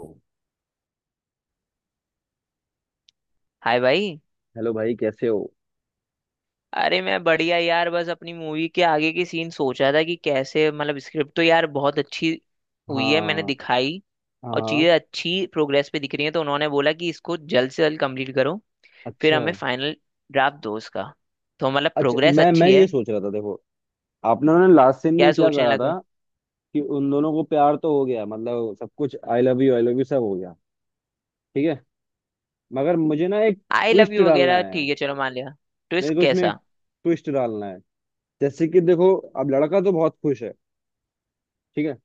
Hello. Hi भाई। भाई कैसे हो? अरे मैं बढ़िया यार, बस अपनी मूवी के आगे की सीन सोच रहा था कि कैसे, मतलब स्क्रिप्ट तो यार बहुत अच्छी हुई है मैंने हाँ। दिखाई, और हाँ। चीज़ें अच्छी प्रोग्रेस पे दिख रही हैं, तो उन्होंने बोला कि इसको जल्द से जल्द कंप्लीट करो, फिर अच्छा। हमें फाइनल ड्राफ्ट दो उसका। तो मतलब अच्छा, प्रोग्रेस मैं अच्छी ये है। सोच रहा था, देखो, आपने, उन्होंने लास्ट सीन क्या में क्या सोचने करा लगा है? था, कि उन दोनों को प्यार तो हो गया, मतलब सब कुछ। I love you, I love you सब हो गया। ठीक है। मगर मुझे ना एक आई लव ट्विस्ट यू डालना वगैरह है। ठीक है, चलो मान लिया। मेरे ट्विस्ट को इसमें एक कैसा? ट्विस्ट डालना है। जैसे कि देखो, अब लड़का तो बहुत खुश है। ठीक है।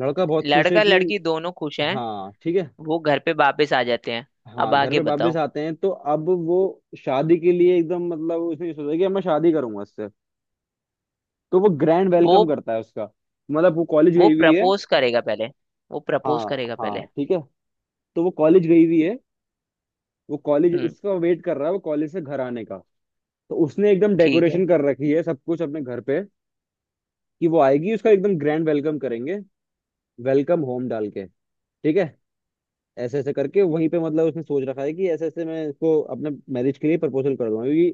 लड़का बहुत खुश है लड़का कि, लड़की दोनों खुश हैं। हाँ ठीक है। वो घर पे वापस आ जाते हैं। अब हाँ घर आगे पे वापस बताओ। आते हैं तो अब वो शादी के लिए एकदम, मतलब उसने ये सोचा कि अब मैं शादी करूंगा इससे। तो वो ग्रैंड वो वेलकम करता है उसका, मतलब वो कॉलेज वो गई हुई है। प्रपोज करेगा पहले। वो प्रपोज हाँ। करेगा हाँ, पहले। ठीक है। तो वो कॉलेज गई हुई है। वो कॉलेज, हम्म। उसका वेट कर रहा है वो कॉलेज से घर आने का। तो उसने एकदम ठीक है। डेकोरेशन कर रखी है सब कुछ अपने घर पे, कि वो आएगी उसका एकदम ग्रैंड वेलकम करेंगे, वेलकम होम डाल के। ठीक है। ऐसे ऐसे करके वहीं पे, मतलब उसने सोच रखा है कि ऐसे ऐसे मैं इसको अपने मैरिज के लिए प्रपोजल कर दूंगा, क्योंकि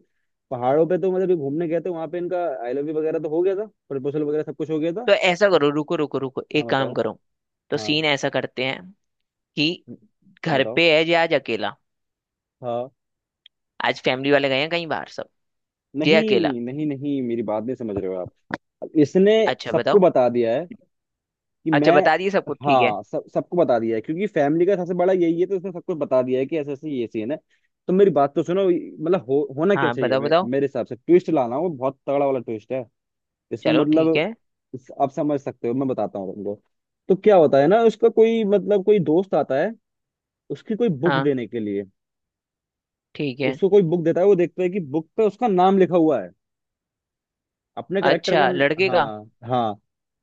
पहाड़ों पे तो मतलब ये घूमने गए थे, वहां पे इनका आई लव यू वगैरह तो हो गया था, प्रपोजल वगैरह सब कुछ हो गया था। तो ऐसा करो, रुको रुको रुको, हाँ एक काम बताओ। करो। तो हाँ सीन ऐसा करते हैं कि घर बताओ। पे है जे आज अकेला। हाँ। आज फैमिली वाले गए हैं कहीं बाहर सब। ये अकेला। नहीं, नहीं, नहीं, मेरी बात नहीं समझ रहे हो आप। अब इसने अच्छा, सबको बताओ। बता दिया है कि अच्छा, मैं, बता दिए सबको, ठीक है। हाँ सब सबको बता दिया है, क्योंकि फैमिली का सबसे बड़ा यही है तो इसने सबको बता दिया है कि ऐसे ऐसे ये सीन है। तो मेरी बात तो सुनो, मतलब होना क्या हाँ, चाहिए, बताओ बताओ। मेरे हिसाब से ट्विस्ट लाना वो बहुत तगड़ा वाला ट्विस्ट है इसमें, चलो ठीक मतलब है। आप समझ सकते हो, मैं बताता हूँ तुमको। तो क्या होता है ना, उसका कोई, मतलब कोई दोस्त आता है उसकी कोई बुक हाँ देने के लिए। ठीक है। उसको कोई बुक देता है, वो देखता है कि बुक पे उसका नाम लिखा हुआ है, अपने करेक्टर अच्छा, का। लड़के का? हाँ। हाँ।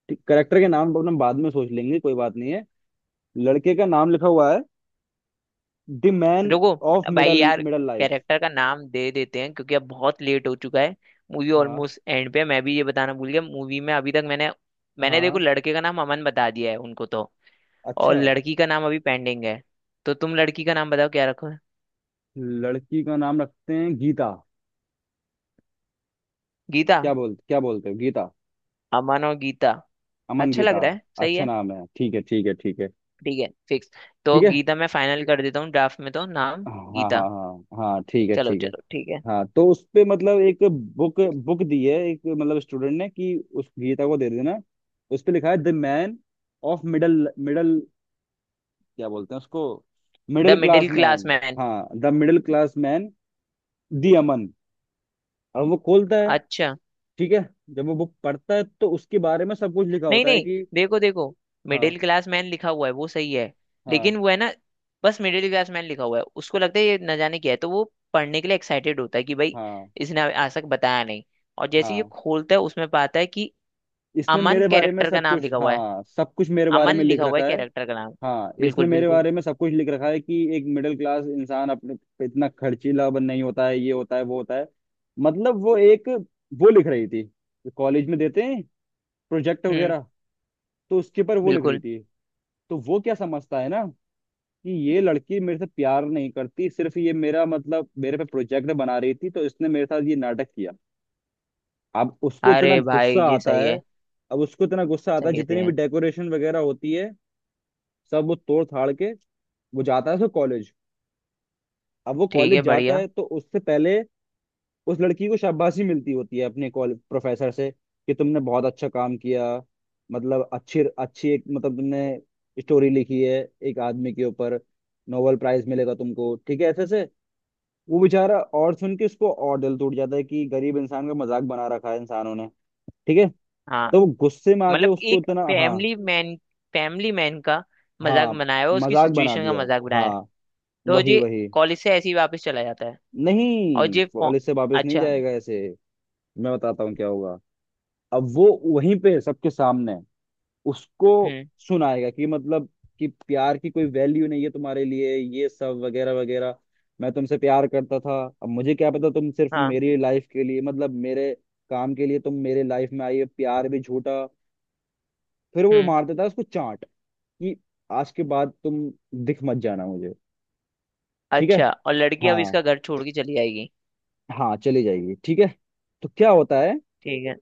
ठीक, करेक्टर के नाम अपन बाद में सोच लेंगे, कोई बात नहीं है। लड़के का नाम लिखा हुआ है, द मैन रुको ऑफ भाई मिडल यार, मिडल लाइफ। कैरेक्टर का नाम दे देते हैं क्योंकि अब बहुत लेट हो चुका है। मूवी हाँ। ऑलमोस्ट एंड पे है। मैं भी ये बताना भूल गया, मूवी में अभी तक मैंने मैंने देखो हाँ। लड़के का नाम अमन बता दिया है उनको तो, और अच्छा, लड़की का नाम अभी पेंडिंग है। तो तुम लड़की का नाम बताओ क्या रखो? लड़की का नाम रखते हैं गीता। गीता? क्या बोलते हो, गीता? अमन और गीता। अमन अच्छा लग गीता। रहा है, सही अच्छा है। नाम है। ठीक है, ठीक है, ठीक है, ठीक है, फिक्स। तो ठीक है। गीता, मैं फाइनल कर देता हूँ ड्राफ्ट में तो नाम। हाँ, गीता। हाँ, हाँ, हाँ ठीक है, चलो ठीक है। चलो, ठीक है। हाँ, तो उस पे, मतलब एक बुक बुक दी है एक, मतलब स्टूडेंट ने कि उस गीता को दे देना। उस पे लिखा है the man of middle middle, क्या बोलते हैं उसको, the middle middle class man. Class man. हाँ, द मिडिल क्लास मैन, दी अमन। अब वो खोलता है। अच्छा। ठीक है। जब वो बुक पढ़ता है तो उसके बारे में सब कुछ लिखा नहीं होता है नहीं, कि, देखो देखो, हाँ, मिडिल क्लास मैन लिखा हुआ है वो सही है। हाँ, लेकिन वो है ना, बस मिडिल क्लास मैन लिखा हुआ है, उसको लगता है ये न जाने क्या है, तो वो पढ़ने के लिए एक्साइटेड होता है कि भाई हाँ, इसने आज तक बताया नहीं। और जैसे ही ये हाँ खोलता है उसमें पाता है कि इसने अमन, मेरे बारे में कैरेक्टर का सब नाम कुछ, लिखा हुआ है। हाँ सब कुछ मेरे बारे अमन में लिख लिखा हुआ है, रखा है। कैरेक्टर का नाम। हाँ बिल्कुल इसने मेरे बिल्कुल। बारे में सब कुछ लिख रखा है, कि एक मिडिल क्लास इंसान अपने पे इतना खर्चीला बन नहीं होता है, ये होता है, वो होता है। मतलब वो एक, वो लिख रही थी, कॉलेज में देते हैं प्रोजेक्ट हम्म। वगैरह, तो उसके ऊपर वो लिख रही बिल्कुल। थी। तो वो क्या समझता है ना, कि ये लड़की मेरे से प्यार नहीं करती, सिर्फ ये मेरा, मतलब मेरे पे प्रोजेक्ट बना रही थी, तो इसने मेरे साथ ये नाटक किया। अब उसको इतना अरे भाई गुस्सा जी आता सही है। है, अब उसको इतना गुस्सा आता है, सही है, सही जितनी भी है। डेकोरेशन वगैरह होती है सब वो तोड़ थाड़ के वो जाता है उसको कॉलेज। अब वो ठीक कॉलेज है, जाता बढ़िया। है, तो उससे पहले उस लड़की को शाबाशी मिलती होती है अपने कॉलेज प्रोफेसर से कि तुमने बहुत अच्छा काम किया, मतलब अच्छी अच्छी एक, मतलब तुमने स्टोरी लिखी है एक आदमी के ऊपर, नोबेल प्राइज मिलेगा तुमको, ठीक है ऐसे से। वो बेचारा और सुन के उसको और दिल टूट जाता है कि गरीब इंसान का मजाक बना रखा है इंसानों ने। ठीक है। हाँ तो वो गुस्से में आके मतलब उसको एक इतना, हाँ, फैमिली मैन, फैमिली मैन का मजाक हाँ बनाया हुआ, उसकी मजाक बना सिचुएशन का दिया। मजाक बनाया है। हाँ, तो वही ये वही। कॉलेज से ऐसे ही वापस चला जाता है। और नहीं, ये फो- कॉलेज से वापस नहीं अच्छा। जाएगा ऐसे, मैं बताता हूँ क्या होगा। अब वो वहीं पे सबके सामने उसको हम्म। सुनाएगा कि, मतलब कि प्यार की कोई वैल्यू नहीं है तुम्हारे लिए, ये सब वगैरह वगैरह। मैं तुमसे प्यार करता था, अब मुझे क्या पता तुम सिर्फ हाँ। मेरी लाइफ के लिए, मतलब मेरे काम के लिए तुम मेरे लाइफ में आई हो, प्यार भी झूठा। फिर वो हम्म। मार देता है उसको चांट, कि आज के बाद तुम दिख मत जाना मुझे। ठीक है। अच्छा, और लड़की अब हाँ। इसका घर छोड़ के चली जाएगी? हाँ, चली जाएगी। ठीक है। तो क्या होता है, ठीक है।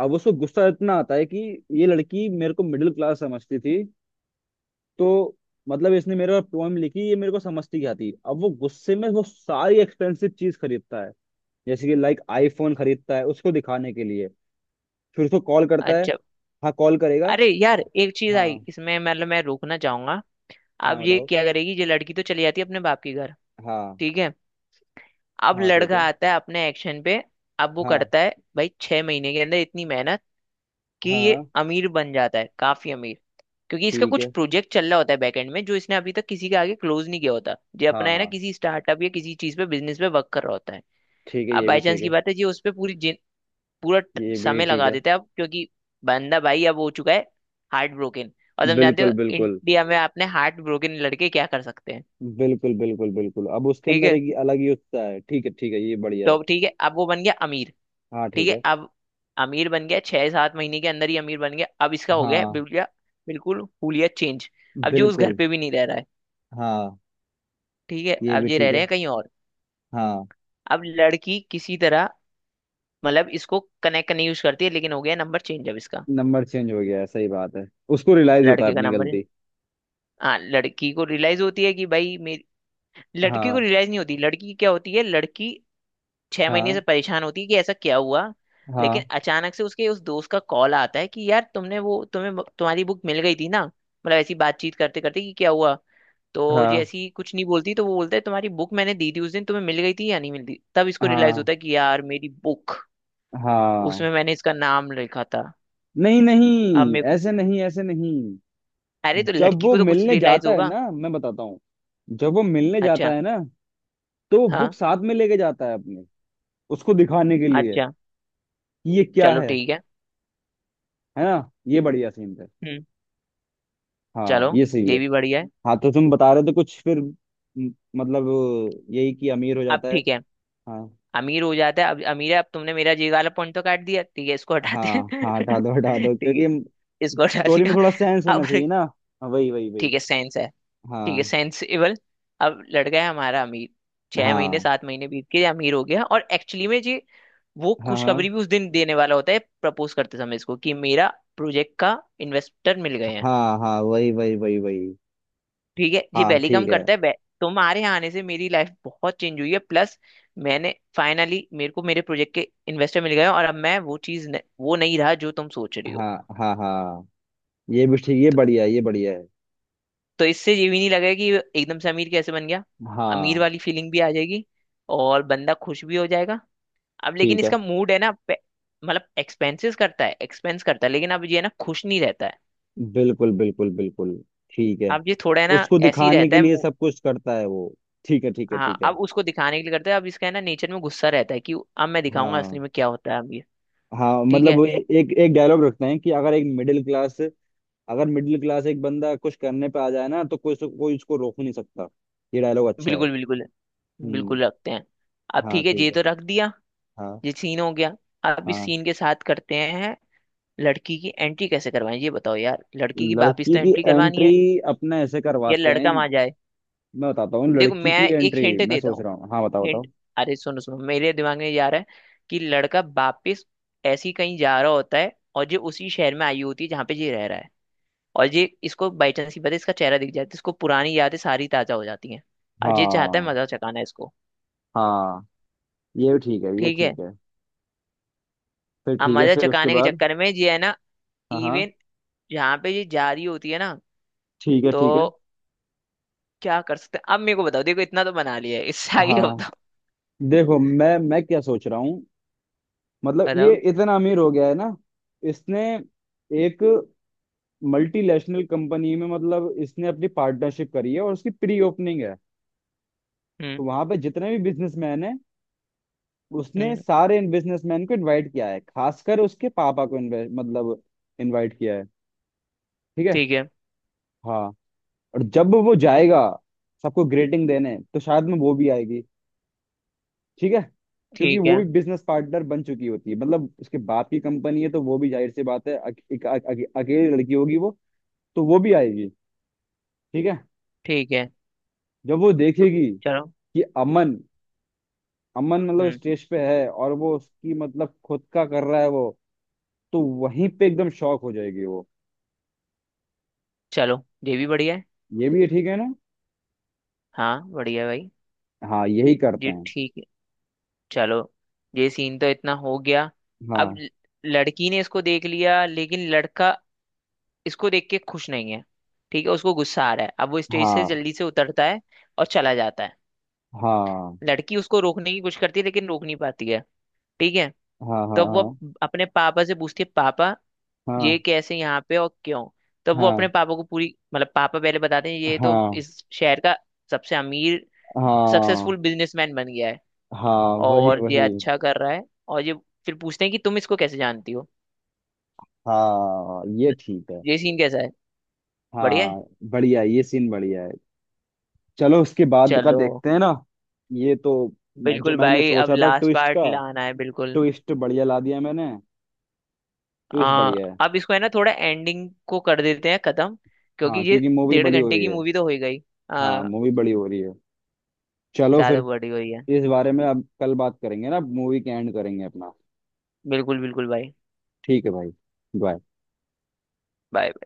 अब उसको गुस्सा इतना आता है कि ये लड़की मेरे को मिडिल क्लास समझती थी, तो मतलब इसने मेरे पर पोएम लिखी, ये मेरे को समझती क्या थी। अब वो गुस्से में वो सारी एक्सपेंसिव चीज खरीदता है, जैसे कि लाइक आईफोन खरीदता है उसको दिखाने के लिए। फिर उसको कॉल करता है। अच्छा। हाँ, कॉल करेगा। अरे यार, एक चीज आई हाँ। इसमें, मतलब मैं रोकना चाहूंगा। अब हाँ ये बताओ। क्या करेगी? ये लड़की तो चली जाती है अपने बाप के घर। हाँ। ठीक है। अब हाँ ठीक लड़का है। आता है अपने एक्शन पे। अब वो हाँ, करता है। भाई छह महीने के अंदर इतनी मेहनत कि हाँ, ये हाँ, अमीर बन जाता है, काफी अमीर। क्योंकि इसका ठीक कुछ है। प्रोजेक्ट चल रहा होता है बैकएंड में, जो इसने अभी तक किसी के आगे क्लोज नहीं किया होता। ये अपना हाँ। है ना हाँ किसी स्टार्टअप या किसी चीज पे, बिजनेस पे वर्क कर रहा होता है। ठीक है। अब ये भी बाई चांस ठीक की है। बात है, ये उस पर पूरी जिन- पूरा ट- ये भी समय ठीक लगा है। देता है अब, क्योंकि बंदा भाई अब हो चुका है हार्ट ब्रोकन। और तुम जानते हो बिल्कुल, बिल्कुल, इंडिया में आपने हार्ट ब्रोकन लड़के क्या कर सकते हैं। बिल्कुल, बिल्कुल, बिल्कुल अब उसके ठीक अंदर है। एक अलग ही उत्साह है। ठीक है, ठीक है, ये बढ़िया तो है। अब ठीक है, अब वो बन गया अमीर। हाँ ठीक ठीक है। है। अब अमीर बन गया, 6-7 महीने के अंदर ही अमीर बन गया, अब इसका हो गया है हाँ बिल्कुल बिल्कुल हुलिया चेंज। अब जो उस घर बिल्कुल। पे भी नहीं रह रहा है। हाँ ठीक है, ये भी अब ये रह ठीक रहे है। हैं कहीं और। हाँ, अब लड़की किसी तरह मतलब इसको कनेक्ट करने यूज करती है लेकिन हो गया नंबर चेंज अब इसका। नंबर चेंज हो गया है, सही बात है। उसको रियलाइज होता है लड़के का अपनी नंबर। गलती। हाँ, लड़की को रियलाइज होती है कि भाई मेरी, लड़की को हाँ, रियलाइज नहीं होती, लड़की की क्या होती है, लड़की 6 महीने हाँ, से परेशान होती है कि ऐसा क्या हुआ। लेकिन हाँ, अचानक से उसके उस दोस्त का कॉल आता है कि यार तुमने वो, तुम्हें तुम्हारी बुक मिल गई थी ना, मतलब ऐसी बातचीत करते करते कि क्या हुआ। तो ये हाँ, ऐसी कुछ नहीं बोलती, तो वो बोलता है तुम्हारी बुक मैंने दी थी उस दिन, तुम्हें मिल गई थी या नहीं, मिलती तब इसको रियलाइज हाँ, होता है कि यार मेरी बुक, हाँ। उसमें मैंने इसका नाम लिखा था। नहीं, अब नहीं, मैं, ऐसे नहीं, ऐसे नहीं। अरे तो जब लड़की वो को तो कुछ मिलने रियलाइज जाता है होगा। ना, मैं बताता हूँ। जब वो मिलने जाता अच्छा। है ना, तो वो बुक हाँ। साथ में लेके जाता है अपने, उसको दिखाने के लिए अच्छा। कि ये क्या चलो है। ठीक है। है ना, ये बढ़िया सीन है। हम्म। हाँ चलो, ये सही है। ये भी बढ़िया है। हाँ, तो तुम बता रहे थे कुछ फिर मतलब यही कि अमीर हो अब जाता है। ठीक है। हाँ। अमीर हो जाता है, अब अमीर है। अब तुमने मेरा जी वाला पॉइंट तो काट दिया, ठीक है, इसको हटाते हाँ, हैं। हाँ, हटा दो, हटा दो, ठीक है, क्योंकि इसको हटा स्टोरी में दिया। थोड़ा सेंस होना अब चाहिए ना। हाँ, वही, वही, वही। ठीक है, सेंस है। ठीक है, हाँ, सेंसिबल। अब लड़का है हमारा अमीर। छह महीने हाँ, सात महीने बीत के अमीर हो गया, और एक्चुअली में जी वो हाँ, हाँ, खुशखबरी भी उस दिन देने वाला होता है प्रपोज करते समय इसको, कि मेरा प्रोजेक्ट का इन्वेस्टर मिल गए हैं। हाँ, हाँ वही, वही, वही, वही। ठीक है, ये हाँ वेलकम ठीक है। करता है तुम्हारे यहाँ आने से मेरी लाइफ बहुत चेंज हुई है, प्लस मैंने फाइनली, मेरे को मेरे प्रोजेक्ट के इन्वेस्टर मिल गए हैं, और अब मैं वो चीज न, वो नहीं रहा जो तुम सोच रही हो। हाँ, हाँ, हाँ, ये भी ठीक, ये बढ़िया है, ये बढ़िया है। तो इससे ये भी नहीं लगेगा कि एकदम से अमीर कैसे बन गया। अमीर हाँ वाली फीलिंग भी आ जाएगी, और बंदा खुश भी हो जाएगा। अब लेकिन ठीक है। इसका मूड है ना मतलब एक्सपेंसेस करता है, एक्सपेंस करता है, लेकिन अब ये है ना खुश नहीं रहता है। बिल्कुल, बिल्कुल, बिल्कुल। ठीक है। अब ये थोड़ा है ना उसको ऐसे ही दिखाने रहता के है लिए सब कुछ करता है वो। ठीक है, ठीक है, हाँ ठीक है। अब उसको दिखाने के लिए करता है, अब इसका है ना नेचर में गुस्सा रहता है कि अब मैं दिखाऊंगा असली हाँ, में क्या होता है अब ये। हाँ ठीक मतलब है। वो एक एक डायलॉग रखते हैं कि अगर एक मिडिल क्लास, अगर मिडिल क्लास एक बंदा कुछ करने पे आ जाए ना, तो कोई कोई उसको रोक नहीं सकता। ये डायलॉग अच्छा है। बिल्कुल बिल्कुल, हम्म। बिल्कुल रखते हैं। अब हाँ ठीक है, ये ठीक तो है। रख दिया। हाँ, ये सीन हो गया। अब इस हाँ। सीन के साथ करते हैं, लड़की की एंट्री कैसे करवाएं ये बताओ यार, लड़की की वापिस लड़की तो की एंट्री करवानी है, एंट्री अपने ऐसे या करवाते हैं, लड़का वहां जाए। मैं बताता हूँ। देखो, लड़की की मैं एक एंट्री हिंट मैं देता सोच हूँ। रहा हूँ, हाँ बताओ, हिंट। बताओ। अरे सुनो सुनो, मेरे दिमाग में ये आ रहा है कि लड़का वापिस ऐसी कहीं जा रहा होता है, और ये उसी शहर में आई होती है जहाँ पे ये रह रहा है। और ये इसको बाई चांस ही पता है, इसका चेहरा दिख जाता है, इसको पुरानी यादें सारी ताजा हो जाती हैं। अब ये चाहता है हाँ। मजा चकाना इसको। हाँ ये भी ठीक है, ये ठीक है। ठीक है। फिर अब ठीक है, मजा फिर उसके चुकाने के बाद, चक्कर में ये है ना, हाँ, हाँ, इवन जहाँ पे ये जा रही होती है ना, ठीक है, तो ठीक है। क्या कर सकते हैं अब, मेरे को बताओ, देखो इतना तो बना लिया है, इससे आगे का हाँ बताओ। देखो, मैं क्या सोच रहा हूँ, मतलब ये बताओ। इतना अमीर हो गया है ना, इसने एक मल्टीनेशनल कंपनी में, मतलब इसने अपनी पार्टनरशिप करी है और उसकी प्री ओपनिंग है। हम्म। तो वहां पे जितने भी बिजनेसमैन हैं, उसने हम्म। सारे इन बिजनेसमैन को इनवाइट किया है, खासकर उसके पापा को मतलब इनवाइट किया है। ठीक है। ठीक है, हाँ। और जब वो जाएगा सबको ग्रेटिंग देने, तो शायद में वो भी आएगी। ठीक है, क्योंकि ठीक वो है, भी बिजनेस पार्टनर बन चुकी होती है, मतलब उसके बाप की कंपनी है, तो वो भी, जाहिर सी बात है, अकेली लड़की होगी वो। तो वो भी आएगी। ठीक है। ठीक है। जब वो देखेगी कि चलो। अमन अमन मतलब हम्म। स्टेज पे है और वो उसकी, मतलब खुद का कर रहा है वो, तो वहीं पे एकदम शॉक हो जाएगी वो। चलो, ये भी बढ़िया है। ये भी ठीक है ना। हाँ बढ़िया है भाई। हाँ, यही करते ये हैं। ठीक है। चलो। ये सीन तो इतना हो गया। अब हाँ, ल- लड़की ने इसको देख लिया, लेकिन लड़का इसको देख के खुश नहीं है। ठीक है, उसको गुस्सा आ रहा है, अब वो स्टेज से हाँ, जल्दी से उतरता है और चला जाता है। हाँ, लड़की उसको रोकने की कोशिश करती है लेकिन रोक नहीं पाती है। ठीक है। हाँ, हाँ, तो वो अपने पापा से पूछती है, पापा हाँ, ये कैसे यहाँ पे और क्यों? तो वो अपने हाँ, पापा को पूरी, मतलब पापा पहले बताते हैं, ये तो हाँ, इस शहर का सबसे अमीर, हाँ, सक्सेसफुल बिजनेसमैन बन गया है, हाँ, वही, और ये वही। अच्छा कर रहा है। और ये फिर पूछते हैं कि तुम इसको कैसे जानती हो। हाँ ये ठीक है। ये सीन कैसा है? बढ़िया है। हाँ बढ़िया है, ये सीन बढ़िया है। चलो उसके बाद का चलो। देखते हैं ना। ये तो, मैं जो बिल्कुल मैंने भाई, अब सोचा था लास्ट ट्विस्ट पार्ट का, लाना है, बिल्कुल। ट्विस्ट बढ़िया ला दिया मैंने। ट्विस्ट आ, बढ़िया है। अब इसको है ना थोड़ा एंडिंग को कर देते हैं खत्म, क्योंकि हाँ, ये क्योंकि मूवी डेढ़ बड़ी हो घंटे रही की है। मूवी तो हो ही गई। हाँ, आ, मूवी बड़ी हो रही है। चलो फिर ज्यादा बड़ी हुई है। इस बारे में अब कल बात करेंगे ना, मूवी के एंड करेंगे अपना। बिल्कुल बिल्कुल भाई। ठीक है भाई। बाय। बाय।